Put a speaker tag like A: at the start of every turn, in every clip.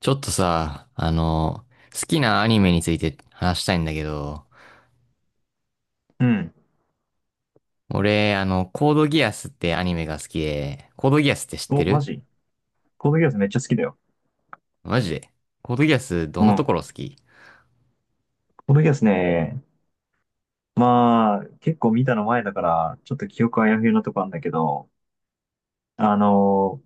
A: ちょっとさ、好きなアニメについて話したいんだけど、
B: うん。
A: 俺、コードギアスってアニメが好きで、コードギアスって知って
B: お、マ
A: る？
B: ジ。コードギアスめっちゃ好きだよ。
A: マジで？コードギアスど
B: う
A: んなとこ
B: ん。
A: ろ好き？
B: コードギアスね、まあ、結構見たの前だから、ちょっと記憶あやふやなとこあんだけど、あのー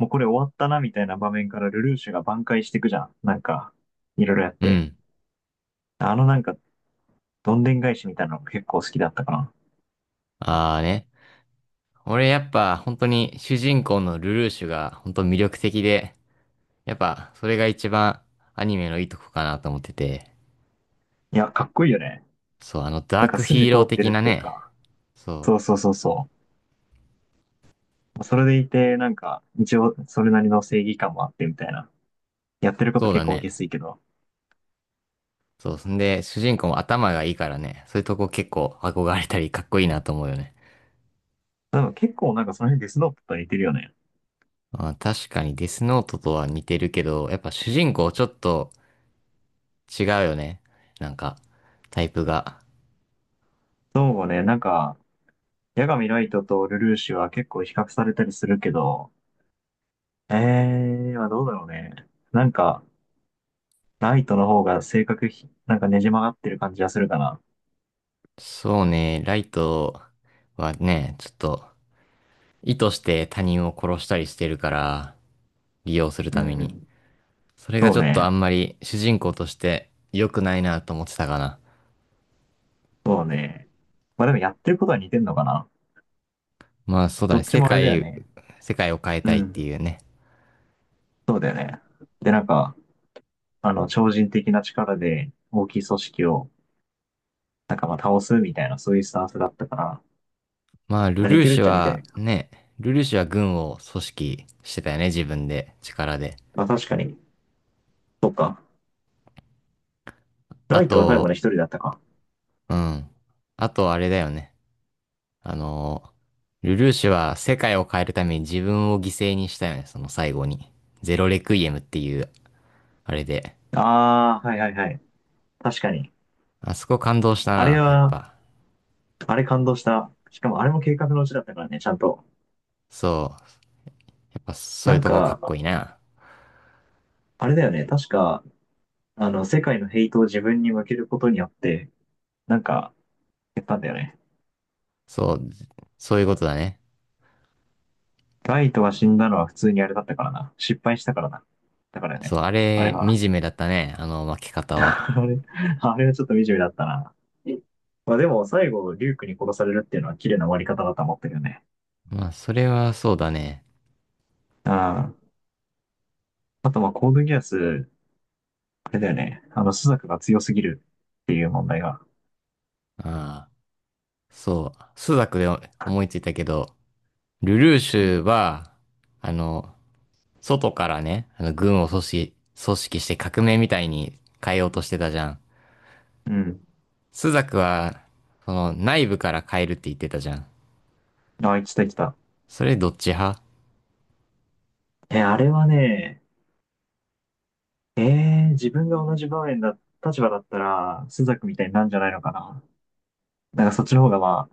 B: もうこれ終わったなみたいな場面からルルーシュが挽回していくじゃん。なんか、いろいろやっ
A: う
B: て。
A: ん。
B: あのなんか、どんでん返しみたいなのが結構好きだったかな。
A: あーね。俺やっぱ本当に主人公のルルーシュが本当魅力的で、やっぱそれが一番アニメのいいとこかなと思ってて、
B: いや、かっこいいよね。
A: そう、あの
B: な
A: ダ
B: ん
A: ー
B: か
A: クヒ
B: 筋
A: ー
B: 通
A: ロー
B: って
A: 的
B: るっ
A: な
B: ていう
A: ね、
B: か、
A: そう、
B: そうそうそうそう。それでいて、なんか、一応、それなりの正義感もあってみたいな。やってること
A: そう
B: 結
A: だ
B: 構下
A: ね。
B: 水けど、
A: そう。んで、主人公も頭がいいからね、そういうとこ結構憧れたりかっこいいなと思うよね。
B: なんか結構なんかその辺デスノートと似てるよね。
A: まあ、確かにデスノートとは似てるけど、やっぱ主人公ちょっと違うよね。なんか、タイプが。
B: そうね、なんか、八神ライトとルルーシュは結構比較されたりするけど、まあどうだろうね。なんか、ライトの方が性格ひ、なんかねじ曲がってる感じがするかな。
A: そうね、ライトはね、ちょっと意図して他人を殺したりしてるから、利用する
B: う
A: ために。
B: ん。
A: それが
B: そう
A: ちょっとあ
B: ね。
A: んまり主人公として良くないなと思ってたかな。
B: そうね。まあでもやってることは似てんのかな。
A: まあそうだ
B: ど
A: ね、
B: っち
A: 世
B: もあれだよ
A: 界、
B: ね。
A: 世界を変え
B: う
A: たいって
B: ん。
A: いうね。
B: そうだよね。で、なんか、あの、超人的な力で大きい組織を、なんかまあ倒すみたいな、そういうスタンスだったから、
A: まあ、ル
B: まあ似
A: ルー
B: てるっ
A: シュ
B: ちゃ似て
A: は
B: る。
A: ね、ルルーシュは軍を組織してたよね、自分で、力で。
B: まあ確かに。そっか。
A: あ
B: ライトは最後ね、
A: と、
B: 一人だったか。
A: うん。あと、あれだよね。あの、ルルーシュは世界を変えるために自分を犠牲にしたよね、その最後に。ゼロレクイエムっていう、あれで。
B: ああ、はいはいはい。確かに。
A: あそこ感動した
B: あれ
A: な、やっ
B: は、
A: ぱ。
B: あれ感動した。しかもあれも計画のうちだったからね、ちゃんと。
A: そう。やっぱそう
B: な
A: いう
B: ん
A: とこかっこ
B: か、
A: いいな。
B: あれだよね、確か、あの、世界のヘイトを自分に向けることによって、なんか、やったんだよね。
A: そう、そういうことだね。
B: ライトが死んだのは普通にあれだったからな。失敗したからな。だから
A: そ
B: ね、
A: う、あ
B: あれ
A: れ、
B: は。
A: 惨めだったね、あの負け 方は。
B: あれ、あれはちょっと惨めだったな。まあでも、最後、リュークに殺されるっていうのは綺麗な終わり方だと思ったけどね。
A: まあ、それはそうだね。
B: ああ。あと、まあ、コードギアス、あれだよね。あの、朱雀が強すぎるっていう問題が。
A: ああ。そう、スザクで思いついたけど、ルルーシ
B: うん。
A: ュは、あの、外からね、軍を組織、組織して革命みたいに変えようとしてたじゃん。
B: うん。
A: スザクは、その、内部から変えるって言ってたじゃん。
B: あ、来た来た。
A: それどっち派？
B: え、あれはね、え自分が同じ場面だ、立場だったら、朱雀みたいになんじゃないのかな。なんかそっちの方がま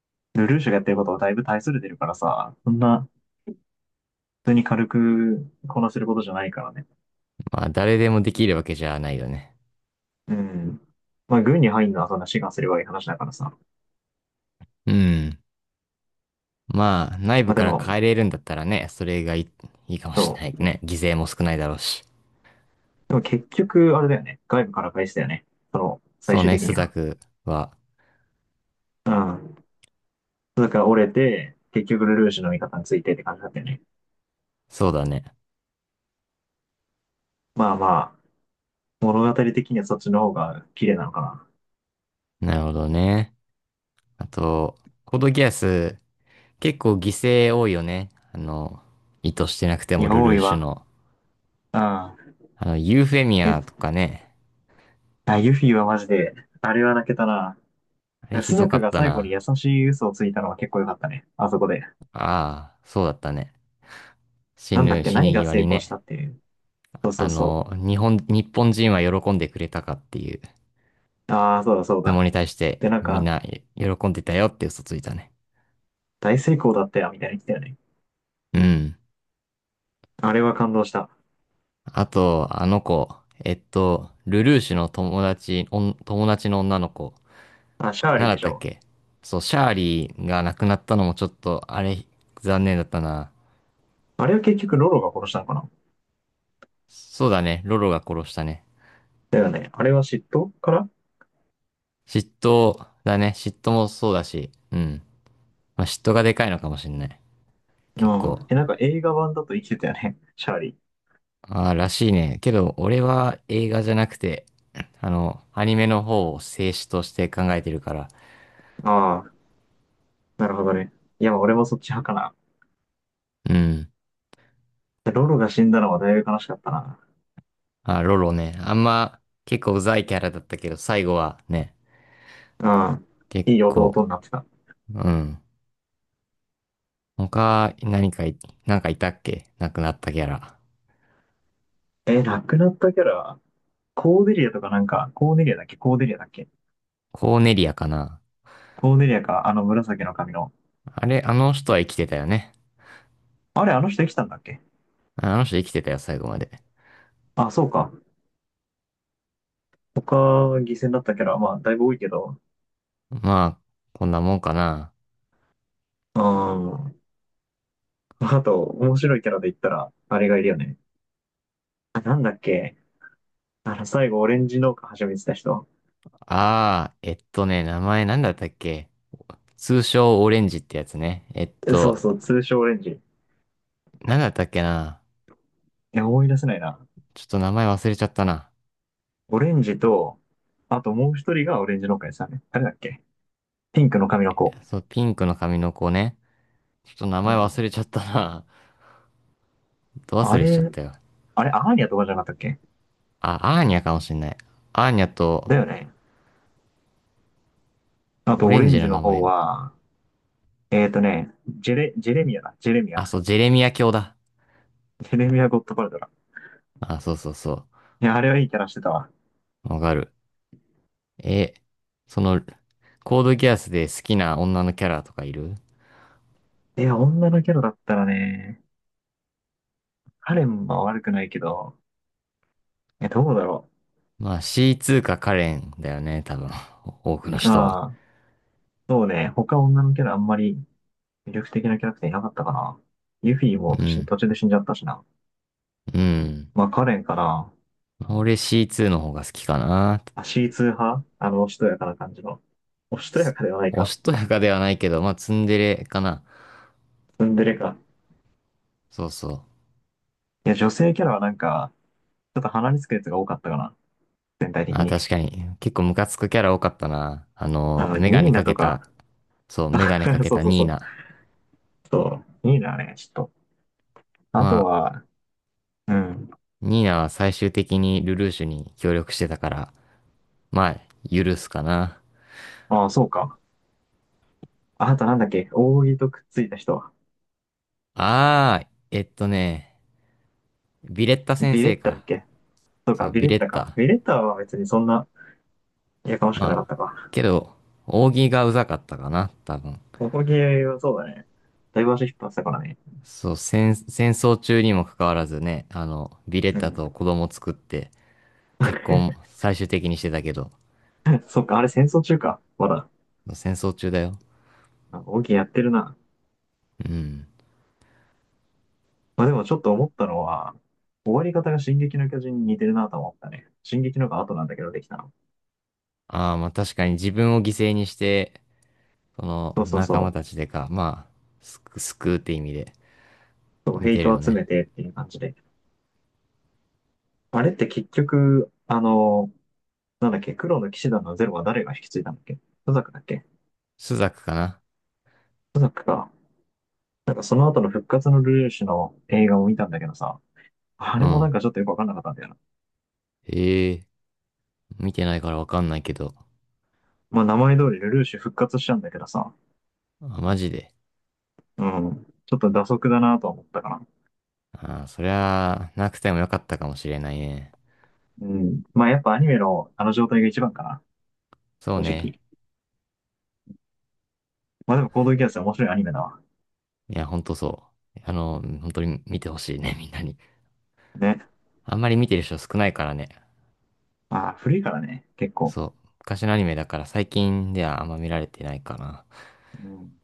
B: あ、ルルーシュがやってることはだいぶ大それてるからさ、そんな、普通に軽くこなせることじゃないからね。
A: まあ、誰でもできるわけじゃないよね。
B: うん。まあ、軍に入るのはそんな志願すればいい話だからさ。
A: うん。まあ、内
B: ま
A: 部
B: あで
A: から変
B: も、
A: えれるんだったらね、それがいい、いいかもしれ
B: そ
A: ない
B: う。
A: ね。犠牲も少ないだろうし。
B: でも結局、あれだよね。外部から返しだよね。その、
A: そ
B: 最
A: う
B: 終
A: ね、
B: 的
A: ス
B: に
A: ザ
B: は。
A: クは、
B: うん。だから折れて、結局ルルーシュの味方についてって感じだったよね。
A: そうだね。
B: まあまあ、物語的にはそっちの方が綺麗なのか
A: なるほどね。あと、コードギアス、結構犠牲多いよね。あの、意図してなくて
B: な。い
A: も
B: や、
A: ル
B: 多
A: ルー
B: い
A: シュ
B: わ。
A: の。
B: うん。
A: あの、ユーフェミア
B: え、
A: とかね。
B: あ、ユフィはマジで、あれは泣けたな。
A: あれ
B: ス
A: ひど
B: ザ
A: か
B: ク
A: っ
B: が
A: た
B: 最後に
A: な。
B: 優しい嘘をついたのは結構良かったね。あそこで。
A: ああ、そうだったね。
B: なんだっけ、
A: 死
B: 何
A: に
B: が
A: 際
B: 成
A: に
B: 功し
A: ね。
B: たっていう。そうそ
A: あ
B: うそ
A: の、日本人は喜んでくれたかっていう
B: う。ああ、そうだそう
A: 質
B: だ。
A: 問に対して、
B: で、なん
A: みん
B: か、
A: な喜んでたよって嘘ついたね。
B: 大成功だったよ、みたいに言ってたよね。
A: うん。
B: あれは感動した。
A: あと、あの子、ルルーシュの友達、おん友達の女の子。
B: あ、シャー
A: な
B: リ
A: ん
B: ー
A: だ
B: で
A: っ
B: し
A: たっ
B: ょ。
A: け？そう、シャーリーが亡くなったのもちょっと、あれ、残念だったな。
B: あれは結局ロロが殺したのかな。
A: そうだね、ロロが殺したね。
B: だよね。あれは嫉妬から。
A: 嫉妬だね、嫉妬もそうだし、うん。まあ、嫉妬がでかいのかもしんない。結
B: う
A: 構。
B: ん。え、なんか映画版だと生きてたよね。シャーリ
A: ああ、らしいね。けど、俺は映画じゃなくて、あの、アニメの方を静止として考えてるから。
B: ー。ああ、なるほどね。いや、俺もそっち派かな。
A: うん。
B: ロロが死んだのはだいぶ悲しかったな。
A: あ、ロロね。あんま、結構うざいキャラだったけど、最後はね、
B: うん。
A: 結
B: いい弟
A: 構、
B: になってた。
A: うん。他、何かい、なんかいたっけ亡くなったキャラ。
B: え、亡くなったキャラ、コーデリアとかなんか、コーデリアだっけ？コーデリアだっけ？
A: コーネリアかな？
B: コーデリアか、あの紫の髪の。
A: あれ、あの人は生きてたよね。
B: あれ、あの人生きたんだっけ？
A: あの人生きてたよ、最後まで。
B: あ、そうか。他、犠牲になったキャラ、まあ、だいぶ多いけど。
A: まあ、こんなもんかな。
B: うん。あと、面白いキャラで言ったら、あれがいるよね。あ、なんだっけ？あの、最後、オレンジ農家始めてた人。
A: あー、名前なんだったっけ？通称オレンジってやつね。
B: えそうそう、通称オレンジ。
A: なんだったっけな？
B: いや、思い出せないな。
A: ちょっと名前忘れちゃったな。
B: オレンジと、あともう一人がオレンジ農家でしたね。誰だっけ？ピンクの髪の子。
A: そう、ピンクの髪の子ね。ちょっと名
B: う
A: 前
B: ん。
A: 忘れちゃったな。ど忘
B: あ
A: れしちゃっ
B: れ、
A: たよ。
B: あれ、アーニャとかじゃなかったっけ？
A: あ、アーニャかもしんない。アーニャと、
B: だよね。あ
A: オ
B: と、オ
A: レン
B: レン
A: ジの
B: ジの
A: 名
B: 方
A: 前。
B: は、えっとね、ジェレ、ジェレミアだ。ジェレミア。
A: あ、そう、ジェレミア卿だ。
B: ジェレミア・ゴッドパルトだ。
A: あ、そうそうそう。
B: いや、あれはいいキャラしてたわ。
A: わかる。え、その、コードギアスで好きな女のキャラとかいる？
B: いや、女のキャラだったらね、カレンは悪くないけど、え、どうだろ
A: まあ C2 かカレンだよね、多分。多くの
B: う。
A: 人は。
B: ああ、そうね。他女のキャラあんまり魅力的なキャラクターいなかったかな。ユフィも
A: う
B: 途中
A: ん。
B: 途中で死んじゃったしな。
A: うん。
B: まあ、カレンかな。
A: 俺 C2 の方が好きかな。
B: あ、C2 派あの、おしとやかな感じの。おしとやかではない
A: お
B: か。
A: しとやかではないけど、まあツンデレかな。
B: ツンデレか。
A: そうそう。
B: いや、女性キャラはなんか、ちょっと鼻につくやつが多かったかな。全体的
A: あ、
B: に。
A: 確かに。結構ムカつくキャラ多かったな。あ
B: あ
A: の、
B: の、
A: メガ
B: ニ
A: ネ
B: ーナ
A: か
B: と
A: け
B: か。
A: た、そう、メガネか け
B: そう
A: た
B: そう
A: ニ
B: そ
A: ー
B: う。
A: ナ。
B: そう、ニーナはね、ちょっと。あと
A: まあ、
B: は、うん。
A: ニーナは最終的にルルーシュに協力してたから、まあ、許すかな。
B: ああ、そうか。あとなんだっけ。扇とくっついた人。
A: あー、ビレッタ先
B: ビレ
A: 生
B: ッタだっ
A: か。
B: け？そう
A: そ
B: か、
A: う、
B: ビ
A: ビ
B: レ
A: レ
B: ッタ
A: ッ
B: か。
A: タ。
B: ビレッタは別にそんな、やかましくなか
A: ま
B: っ
A: あ、
B: たか。
A: けど、扇がうざかったかな、多分。
B: 扇はそうだね。だいぶ足引っ張ってたからね。
A: そう、戦争中にもかかわらずね、あの、ビレッ
B: う
A: タと
B: ん。
A: 子供作って、結婚最終的にしてたけど、
B: そうか、あれ戦争中か。まだ。
A: 戦争中だよ。
B: あ扇やってるな。
A: うん。
B: まあでもちょっと思ったのは、終わり方が進撃の巨人に似てるなと思ったね。進撃のが後なんだけどできたの。
A: ああ、まあ確かに自分を犠牲にして、その
B: そうそう
A: 仲間
B: そう。
A: たちでか、まあ、救うって意味で、
B: そう、
A: 似
B: ヘイ
A: てる
B: ト
A: よ
B: 集め
A: ね。
B: てっていう感じで。あれって結局、あの、なんだっけ、黒の騎士団のゼロは誰が引き継いだんだっけ？トザクだっけ？
A: 朱雀かな？
B: トザクか。なんかその後の復活のルルーシュの映画を見たんだけどさ、あ
A: う
B: れもな
A: ん。
B: んかちょっとよくわかんなかったんだよな。
A: へえ。見てないからわかんないけど。
B: まあ名前通りルルーシュ復活しちゃうんだけどさ、
A: あ、マジで。
B: うん。ちょっと蛇足だなとは思ったかな。
A: ああ、そりゃ、なくてもよかったかもしれないね。
B: うん。まあやっぱアニメのあの状態が一番かな。
A: そう
B: 正
A: ね。
B: 直。まあでも、コードギアスは面白いアニメだわ。
A: いや、ほんとそう。あの、本当に見てほしいね、みんなに。
B: ね。
A: あんまり見てる人少ないからね。
B: ああ、古いからね、結構。
A: そう。昔のアニメだから最近ではあんま見られてないかな。
B: うん